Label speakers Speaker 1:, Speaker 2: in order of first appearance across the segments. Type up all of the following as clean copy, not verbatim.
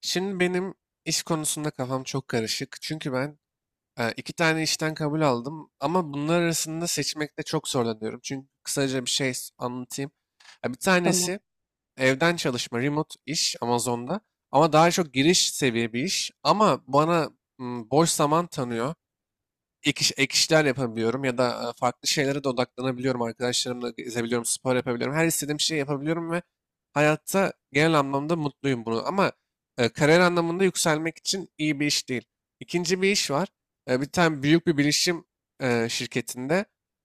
Speaker 1: Şimdi benim iş konusunda kafam çok karışık. Çünkü ben iki tane işten kabul aldım ama bunlar arasında seçmekte çok zorlanıyorum. Çünkü kısaca bir şey anlatayım. Ya bir
Speaker 2: Tamam.
Speaker 1: tanesi evden çalışma, remote iş Amazon'da, ama daha çok giriş seviye bir iş, ama bana boş zaman tanıyor. Ek işler yapabiliyorum ya da farklı şeylere de odaklanabiliyorum. Arkadaşlarımla gezebiliyorum, spor yapabiliyorum. Her istediğim şeyi yapabiliyorum ve hayatta genel anlamda mutluyum bunu. Ama kariyer anlamında yükselmek için iyi bir iş değil. İkinci bir iş var. Bir tane büyük bir bilişim şirketinde,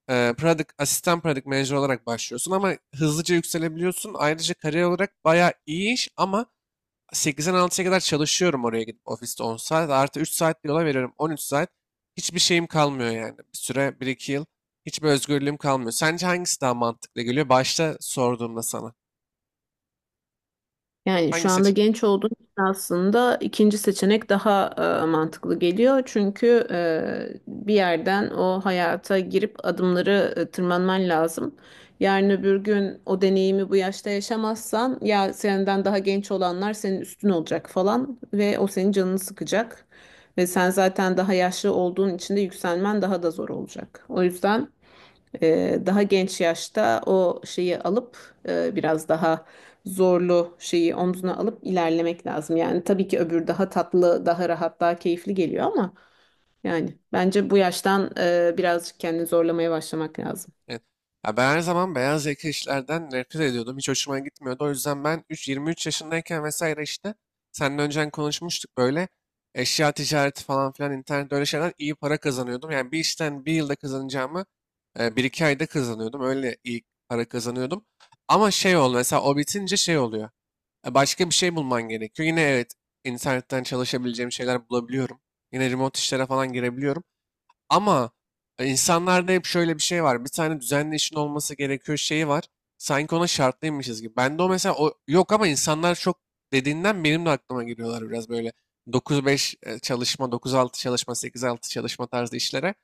Speaker 1: asistan product manager olarak başlıyorsun ama hızlıca yükselebiliyorsun. Ayrıca kariyer olarak bayağı iyi iş ama 8'den 6'ya kadar çalışıyorum, oraya gidip ofiste 10 saat. Artı 3 saat bir yola veriyorum. 13 saat. Hiçbir şeyim kalmıyor yani. Bir süre, bir iki yıl, hiçbir özgürlüğüm kalmıyor. Sence hangisi daha mantıklı geliyor? Başta sorduğumda sana.
Speaker 2: Yani
Speaker 1: Hangi
Speaker 2: şu anda
Speaker 1: seçenek?
Speaker 2: genç olduğun için aslında ikinci seçenek daha mantıklı geliyor. Çünkü bir yerden o hayata girip adımları tırmanman lazım. Yarın öbür gün o deneyimi bu yaşta yaşamazsan ya senden daha genç olanlar senin üstün olacak falan ve o senin canını sıkacak. Ve sen zaten daha yaşlı olduğun için de yükselmen daha da zor olacak. O yüzden daha genç yaşta o şeyi alıp biraz daha zorlu şeyi omzuna alıp ilerlemek lazım. Yani tabii ki öbür daha tatlı, daha rahat, daha keyifli geliyor ama yani bence bu yaştan birazcık kendini zorlamaya başlamak lazım.
Speaker 1: Evet. Ya ben her zaman beyaz yaka işlerden nefret ediyordum. Hiç hoşuma gitmiyordu. O yüzden ben 3, 23 yaşındayken vesaire işte, seninle önceden konuşmuştuk, böyle eşya ticareti falan filan internette, öyle şeyler iyi para kazanıyordum. Yani bir işten bir yılda kazanacağımı, bir iki ayda kazanıyordum. Öyle iyi para kazanıyordum. Ama şey oldu mesela, o bitince şey oluyor. Başka bir şey bulman gerekiyor. Yine evet, internetten çalışabileceğim şeyler bulabiliyorum. Yine remote işlere falan girebiliyorum. Ama insanlarda hep şöyle bir şey var. Bir tane düzenli işin olması gerekiyor şeyi var. Sanki ona şartlıymışız gibi. Ben de o mesela, o yok ama insanlar çok dediğinden benim de aklıma giriyorlar biraz, böyle 9-5 çalışma, 9-6 çalışma, 8-6 çalışma tarzı işlere.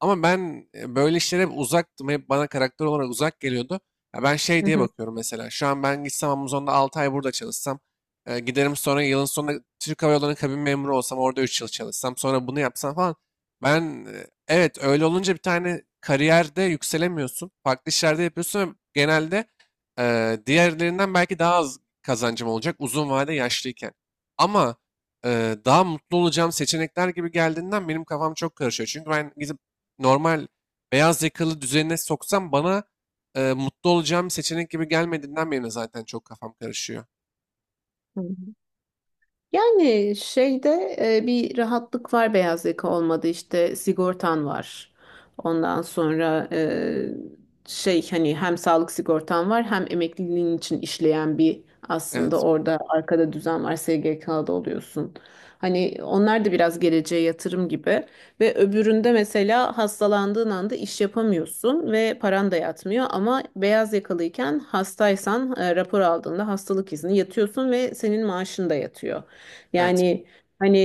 Speaker 1: Ama ben böyle işlere hep uzaktım. Hep bana karakter olarak uzak geliyordu. Ya ben şey
Speaker 2: Hı
Speaker 1: diye
Speaker 2: hı.
Speaker 1: bakıyorum mesela. Şu an ben gitsem Amazon'da 6 ay burada çalışsam. Giderim sonra, yılın sonunda Türk Hava Yolları'nın kabin memuru olsam. Orada 3 yıl çalışsam. Sonra bunu yapsam falan. Ben evet öyle olunca bir tane kariyerde yükselemiyorsun. Farklı işlerde yapıyorsun ve genelde, diğerlerinden belki daha az kazancım olacak uzun vade, yaşlıyken. Ama daha mutlu olacağım seçenekler gibi geldiğinden benim kafam çok karışıyor. Çünkü ben gidip normal beyaz yakalı düzenine soksam, bana mutlu olacağım bir seçenek gibi gelmediğinden beri zaten çok kafam karışıyor.
Speaker 2: Hı. Yani şeyde bir rahatlık var, beyaz yaka olmadı işte sigortan var. Ondan sonra şey, hani hem sağlık sigortan var hem emekliliğin için işleyen bir, aslında
Speaker 1: Evet,
Speaker 2: orada arkada düzen var, SGK'da oluyorsun. Hani onlar da biraz geleceğe yatırım gibi ve öbüründe mesela hastalandığın anda iş yapamıyorsun ve paran da yatmıyor, ama beyaz yakalıyken hastaysan rapor aldığında hastalık izni yatıyorsun ve senin maaşın da yatıyor.
Speaker 1: evet,
Speaker 2: Yani hani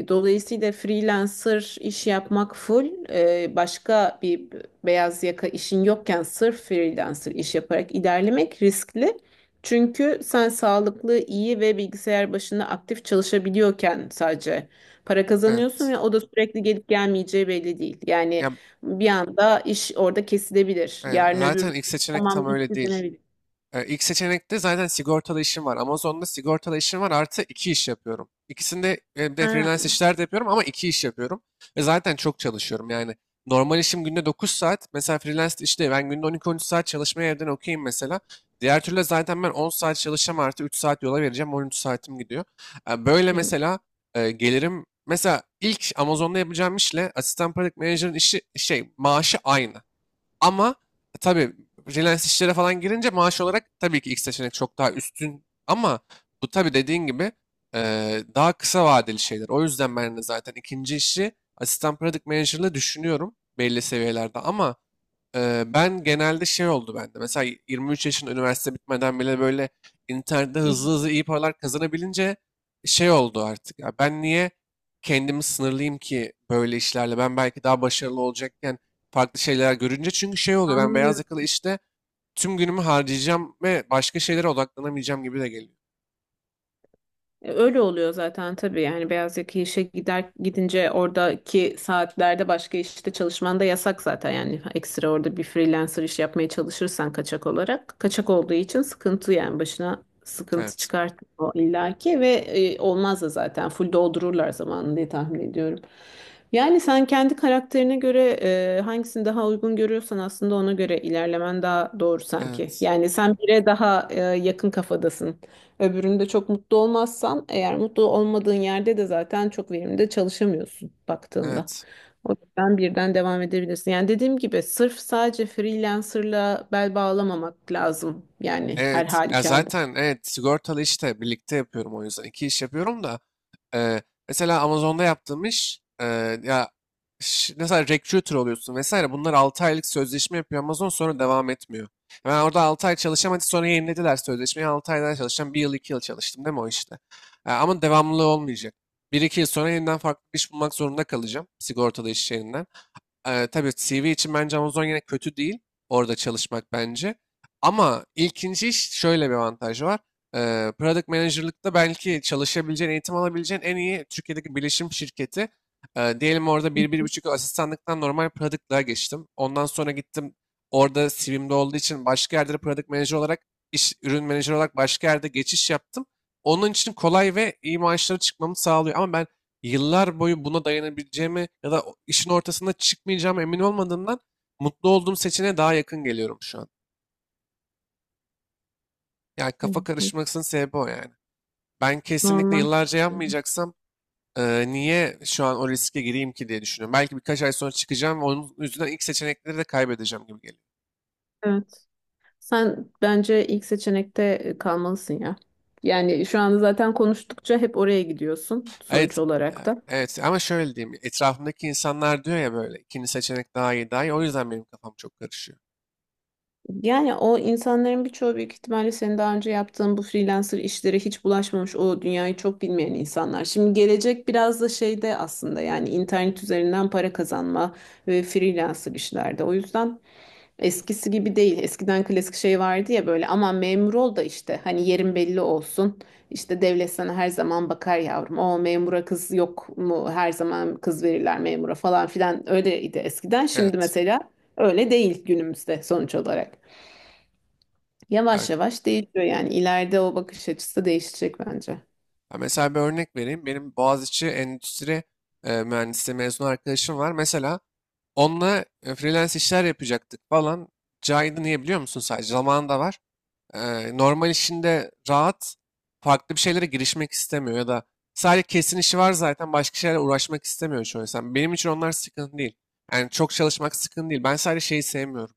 Speaker 2: dolayısıyla freelancer iş yapmak full başka bir, beyaz yaka işin yokken sırf freelancer iş yaparak ilerlemek riskli. Çünkü sen sağlıklı, iyi ve bilgisayar başında aktif çalışabiliyorken sadece para kazanıyorsun
Speaker 1: evet.
Speaker 2: ve o da sürekli gelip gelmeyeceği belli değil. Yani
Speaker 1: Ya,
Speaker 2: bir anda iş orada kesilebilir.
Speaker 1: hayır,
Speaker 2: Yarın öbür
Speaker 1: zaten
Speaker 2: gün
Speaker 1: ilk seçenek tam
Speaker 2: tamam
Speaker 1: öyle
Speaker 2: bitti
Speaker 1: değil.
Speaker 2: denebilir.
Speaker 1: İlk seçenekte zaten sigortalı işim var. Amazon'da sigortalı işim var, artı iki iş yapıyorum. İkisinde bir de freelance
Speaker 2: Ha.
Speaker 1: işler de yapıyorum ama iki iş yapıyorum. Ve zaten çok çalışıyorum yani. Normal işim günde 9 saat. Mesela freelance işte ben günde 12 üç saat çalışmaya evden okeyim mesela. Diğer türlü zaten ben 10 saat çalışacağım, artı 3 saat yola vereceğim. 13 saatim gidiyor. Böyle
Speaker 2: Hı.
Speaker 1: mesela gelirim. Mesela ilk Amazon'da yapacağım işle asistan product manager'ın işi, şey, maaşı aynı. Ama tabii freelance işlere falan girince maaş olarak tabii ki ilk seçenek çok daha üstün. Ama bu tabii dediğin gibi, daha kısa vadeli şeyler. O yüzden ben de zaten ikinci işi asistan product manager'la düşünüyorum belli seviyelerde. Ama ben genelde şey oldu bende. Mesela 23 yaşın, üniversite bitmeden bile böyle internette
Speaker 2: Hı.
Speaker 1: hızlı hızlı iyi paralar kazanabilince şey oldu artık. Ya ben niye kendimi sınırlayayım ki böyle işlerle? Ben belki daha başarılı olacakken farklı şeyler görünce, çünkü şey oluyor, ben beyaz
Speaker 2: Anlıyorum.
Speaker 1: yakalı işte tüm günümü harcayacağım ve başka şeylere odaklanamayacağım gibi de geliyor.
Speaker 2: Öyle oluyor zaten tabii. Yani beyaz yaka işe gider gidince oradaki saatlerde başka işte çalışman da yasak zaten. Yani ekstra orada bir freelancer iş yapmaya çalışırsan kaçak olarak, kaçak olduğu için sıkıntı. Yani başına sıkıntı
Speaker 1: Evet.
Speaker 2: çıkartıyor o illaki ve olmaz da, zaten full doldururlar zamanını diye tahmin ediyorum. Yani sen kendi karakterine göre hangisini daha uygun görüyorsan aslında ona göre ilerlemen daha doğru sanki.
Speaker 1: Evet.
Speaker 2: Yani sen bire daha yakın kafadasın. Öbüründe çok mutlu olmazsan, eğer mutlu olmadığın yerde de zaten çok verimli de çalışamıyorsun baktığında.
Speaker 1: Evet.
Speaker 2: O yüzden birden devam edebilirsin. Yani dediğim gibi sırf sadece freelancerla bel bağlamamak lazım. Yani her
Speaker 1: Evet. Ya
Speaker 2: halükarda.
Speaker 1: zaten evet, sigortalı işte birlikte yapıyorum o yüzden. İki iş yapıyorum da, Eee, mesela Amazon'da yaptığım iş, ya mesela recruiter oluyorsun vesaire, bunlar 6 aylık sözleşme yapıyor Amazon, sonra devam etmiyor. Ben orada 6 ay çalışamadı, sonra yenilediler sözleşmeyi, 6 ay daha çalışacağım, bir yıl 2 yıl çalıştım değil mi o işte. Ama devamlılığı olmayacak, bir iki yıl sonra yeniden farklı bir iş bulmak zorunda kalacağım sigortalı iş yerinden. Tabii CV için bence Amazon yine kötü değil. Orada çalışmak bence. Ama ilkinci iş şöyle bir avantajı var. Product manager'lıkta belki çalışabileceğin, eğitim alabileceğin en iyi Türkiye'deki bilişim şirketi. Diyelim orada bir, 1,5 yıl asistanlıktan normal product'lığa geçtim. Ondan sonra gittim, orada CV'mde olduğu için başka yerde de product manager olarak, iş, ürün menajer olarak başka yerde geçiş yaptım. Onun için kolay ve iyi maaşları çıkmamı sağlıyor. Ama ben yıllar boyu buna dayanabileceğime ya da işin ortasında çıkmayacağım emin olmadığımdan mutlu olduğum seçeneğe daha yakın geliyorum şu an. Yani
Speaker 2: Hı
Speaker 1: kafa
Speaker 2: hı.
Speaker 1: karışmasının sebebi o yani. Ben kesinlikle
Speaker 2: Normal.
Speaker 1: yıllarca yapmayacaksam, niye şu an o riske gireyim ki diye düşünüyorum. Belki birkaç ay sonra çıkacağım ve onun yüzünden ilk seçenekleri de kaybedeceğim gibi geliyor.
Speaker 2: Evet. Sen bence ilk seçenekte kalmalısın ya. Yani şu anda zaten konuştukça hep oraya gidiyorsun
Speaker 1: Evet,
Speaker 2: sonuç olarak
Speaker 1: yani
Speaker 2: da.
Speaker 1: evet, ama şöyle diyeyim. Etrafımdaki insanlar diyor ya, böyle ikinci seçenek daha iyi, daha iyi. O yüzden benim kafam çok karışıyor.
Speaker 2: Yani o insanların birçoğu büyük ihtimalle senin daha önce yaptığın bu freelancer işlere hiç bulaşmamış, o dünyayı çok bilmeyen insanlar. Şimdi gelecek biraz da şeyde aslında, yani internet üzerinden para kazanma ve freelancer işlerde. O yüzden eskisi gibi değil. Eskiden klasik şey vardı ya, böyle aman memur ol da işte hani yerin belli olsun. İşte devlet sana her zaman bakar yavrum. O memura kız yok mu? Her zaman kız verirler memura falan filan. Öyleydi eskiden. Şimdi
Speaker 1: Evet.
Speaker 2: mesela öyle değil günümüzde sonuç olarak.
Speaker 1: Yani,
Speaker 2: Yavaş yavaş değişiyor yani. İleride o bakış açısı değişecek bence.
Speaker 1: ha, mesela bir örnek vereyim. Benim Boğaziçi Endüstri Mühendisliği mezun arkadaşım var. Mesela onunla freelance işler yapacaktık falan. Caydı, niye biliyor musun? Sadece zamanı da var. Normal işinde rahat, farklı bir şeylere girişmek istemiyor ya da sadece kesin işi var, zaten başka şeylerle uğraşmak istemiyor çoğu insan. Benim için onlar sıkıntı değil. Yani çok çalışmak sıkıntı değil. Ben sadece şeyi sevmiyorum.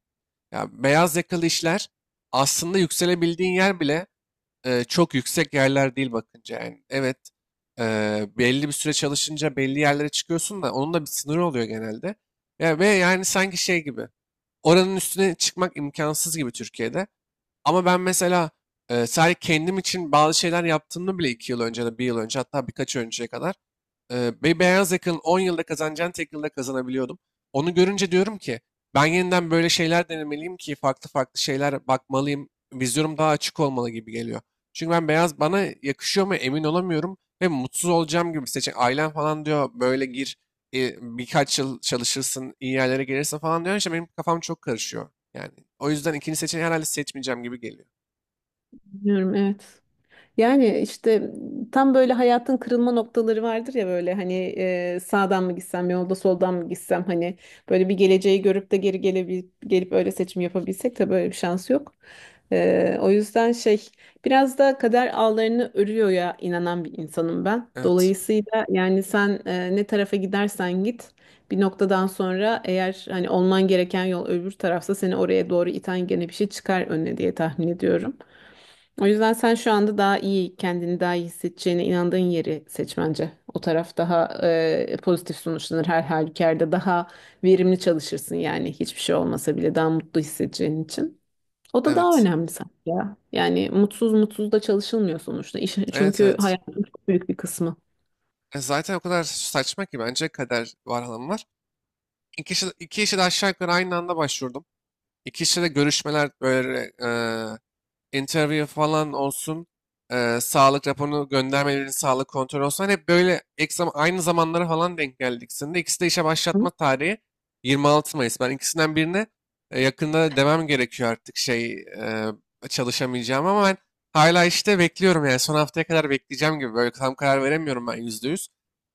Speaker 1: Ya beyaz yakalı işler aslında yükselebildiğin yer bile çok yüksek yerler değil bakınca yani. Evet, e, belli bir süre çalışınca belli yerlere çıkıyorsun da onun da bir sınırı oluyor genelde. Ya, ve yani sanki şey gibi, oranın üstüne çıkmak imkansız gibi Türkiye'de. Ama ben mesela sadece kendim için bazı şeyler yaptığımda bile, 2 yıl önce de, 1 yıl önce, hatta birkaç önceye kadar, bir beyaz yakanın 10 yılda kazanacağını tek yılda kazanabiliyordum. Onu görünce diyorum ki, ben yeniden böyle şeyler denemeliyim ki farklı farklı şeyler bakmalıyım. Vizyonum daha açık olmalı gibi geliyor. Çünkü ben, beyaz bana yakışıyor mu emin olamıyorum ve mutsuz olacağım gibi, seçen ailem falan diyor böyle gir, birkaç yıl çalışırsın iyi yerlere gelirsin falan diyor. İşte benim kafam çok karışıyor. Yani o yüzden ikinci seçeneği herhalde seçmeyeceğim gibi geliyor.
Speaker 2: Bilmiyorum, evet. Yani işte tam böyle hayatın kırılma noktaları vardır ya, böyle hani sağdan mı gitsem yolda, soldan mı gitsem, hani böyle bir geleceği görüp de geri gelebil gelip öyle seçim yapabilsek. Tabii böyle bir şans yok. O yüzden şey, biraz da kader ağlarını örüyor ya, inanan bir insanım ben.
Speaker 1: Evet.
Speaker 2: Dolayısıyla yani sen ne tarafa gidersen git bir noktadan sonra, eğer hani olman gereken yol öbür tarafsa, seni oraya doğru iten gene bir şey çıkar önüne diye tahmin ediyorum. O yüzden sen şu anda daha iyi, kendini daha iyi hissedeceğine inandığın yeri seç bence. O taraf daha pozitif sonuçlanır her halükarda. Daha verimli çalışırsın, yani hiçbir şey olmasa bile daha mutlu hissedeceğin için. O da daha
Speaker 1: Evet.
Speaker 2: önemli sanki ya. Yani mutsuz mutsuz da çalışılmıyor sonuçta. İş,
Speaker 1: Evet,
Speaker 2: çünkü
Speaker 1: evet.
Speaker 2: hayatın çok büyük bir kısmı.
Speaker 1: Zaten o kadar saçma ki, bence kader var, hanım var. İki işe de aşağı yukarı aynı anda başvurdum. İki işe de görüşmeler böyle, interview falan olsun, sağlık raporunu göndermelerin, sağlık kontrolü olsun. Hani hep böyle, aynı zamanlara falan denk geldik. Senin ikisi de işe başlatma
Speaker 2: Hı?
Speaker 1: tarihi 26 Mayıs. Ben ikisinden birine yakında demem gerekiyor artık, şey, çalışamayacağım ama ben hala işte bekliyorum yani, son haftaya kadar bekleyeceğim gibi, böyle tam karar veremiyorum ben %100.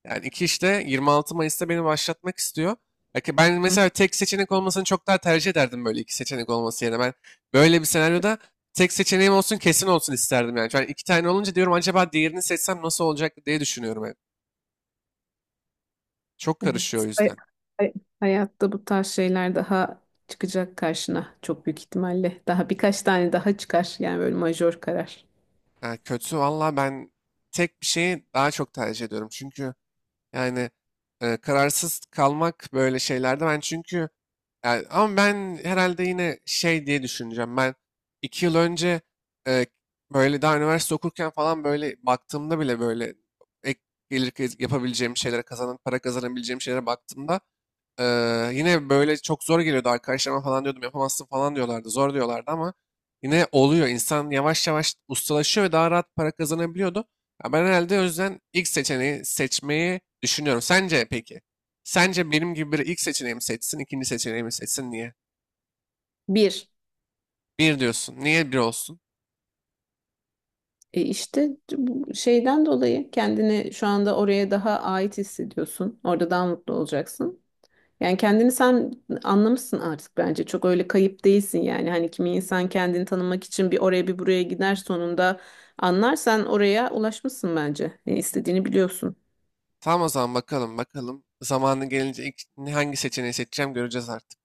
Speaker 1: Yani iki işte 26 Mayıs'ta beni başlatmak istiyor. Ya ki ben
Speaker 2: Hı.
Speaker 1: mesela tek seçenek olmasını çok daha tercih ederdim, böyle iki seçenek olması yerine. Ben böyle bir senaryoda tek seçeneğim olsun, kesin olsun isterdim yani. Yani iki tane olunca diyorum acaba diğerini seçsem nasıl olacak diye düşünüyorum hep. Çok
Speaker 2: Evet.
Speaker 1: karışıyor o yüzden.
Speaker 2: Hay- Hayatta bu tarz şeyler daha çıkacak karşına çok büyük ihtimalle. Daha birkaç tane daha çıkar yani, böyle majör karar.
Speaker 1: Yani kötü valla, ben tek bir şeyi daha çok tercih ediyorum. Çünkü, yani kararsız kalmak böyle şeylerde ben çünkü yani, ama ben herhalde yine şey diye düşüneceğim. Ben 2 yıl önce, e, böyle daha üniversite okurken falan, böyle baktığımda bile, böyle ek gelir yapabileceğim şeylere, kazanan para kazanabileceğim şeylere baktığımda, e, yine böyle çok zor geliyordu, arkadaşlarıma falan diyordum, yapamazsın falan diyorlardı, zor diyorlardı ama yine oluyor. İnsan yavaş yavaş ustalaşıyor ve daha rahat para kazanabiliyordu. Ya ben herhalde o yüzden ilk seçeneği seçmeyi düşünüyorum. Sence peki? Sence benim gibi biri ilk seçeneği seçsin, ikinci seçeneği seçsin? Niye?
Speaker 2: Bir.
Speaker 1: Bir diyorsun. Niye bir olsun?
Speaker 2: E işte bu şeyden dolayı kendini şu anda oraya daha ait hissediyorsun. Orada daha mutlu olacaksın. Yani kendini sen anlamışsın artık bence. Çok öyle kayıp değilsin yani. Hani kimi insan kendini tanımak için bir oraya bir buraya gider, sonunda anlarsan oraya ulaşmışsın bence. Ne istediğini biliyorsun.
Speaker 1: Tamam, o zaman bakalım bakalım. Zamanı gelince ilk hangi seçeneği seçeceğim göreceğiz artık.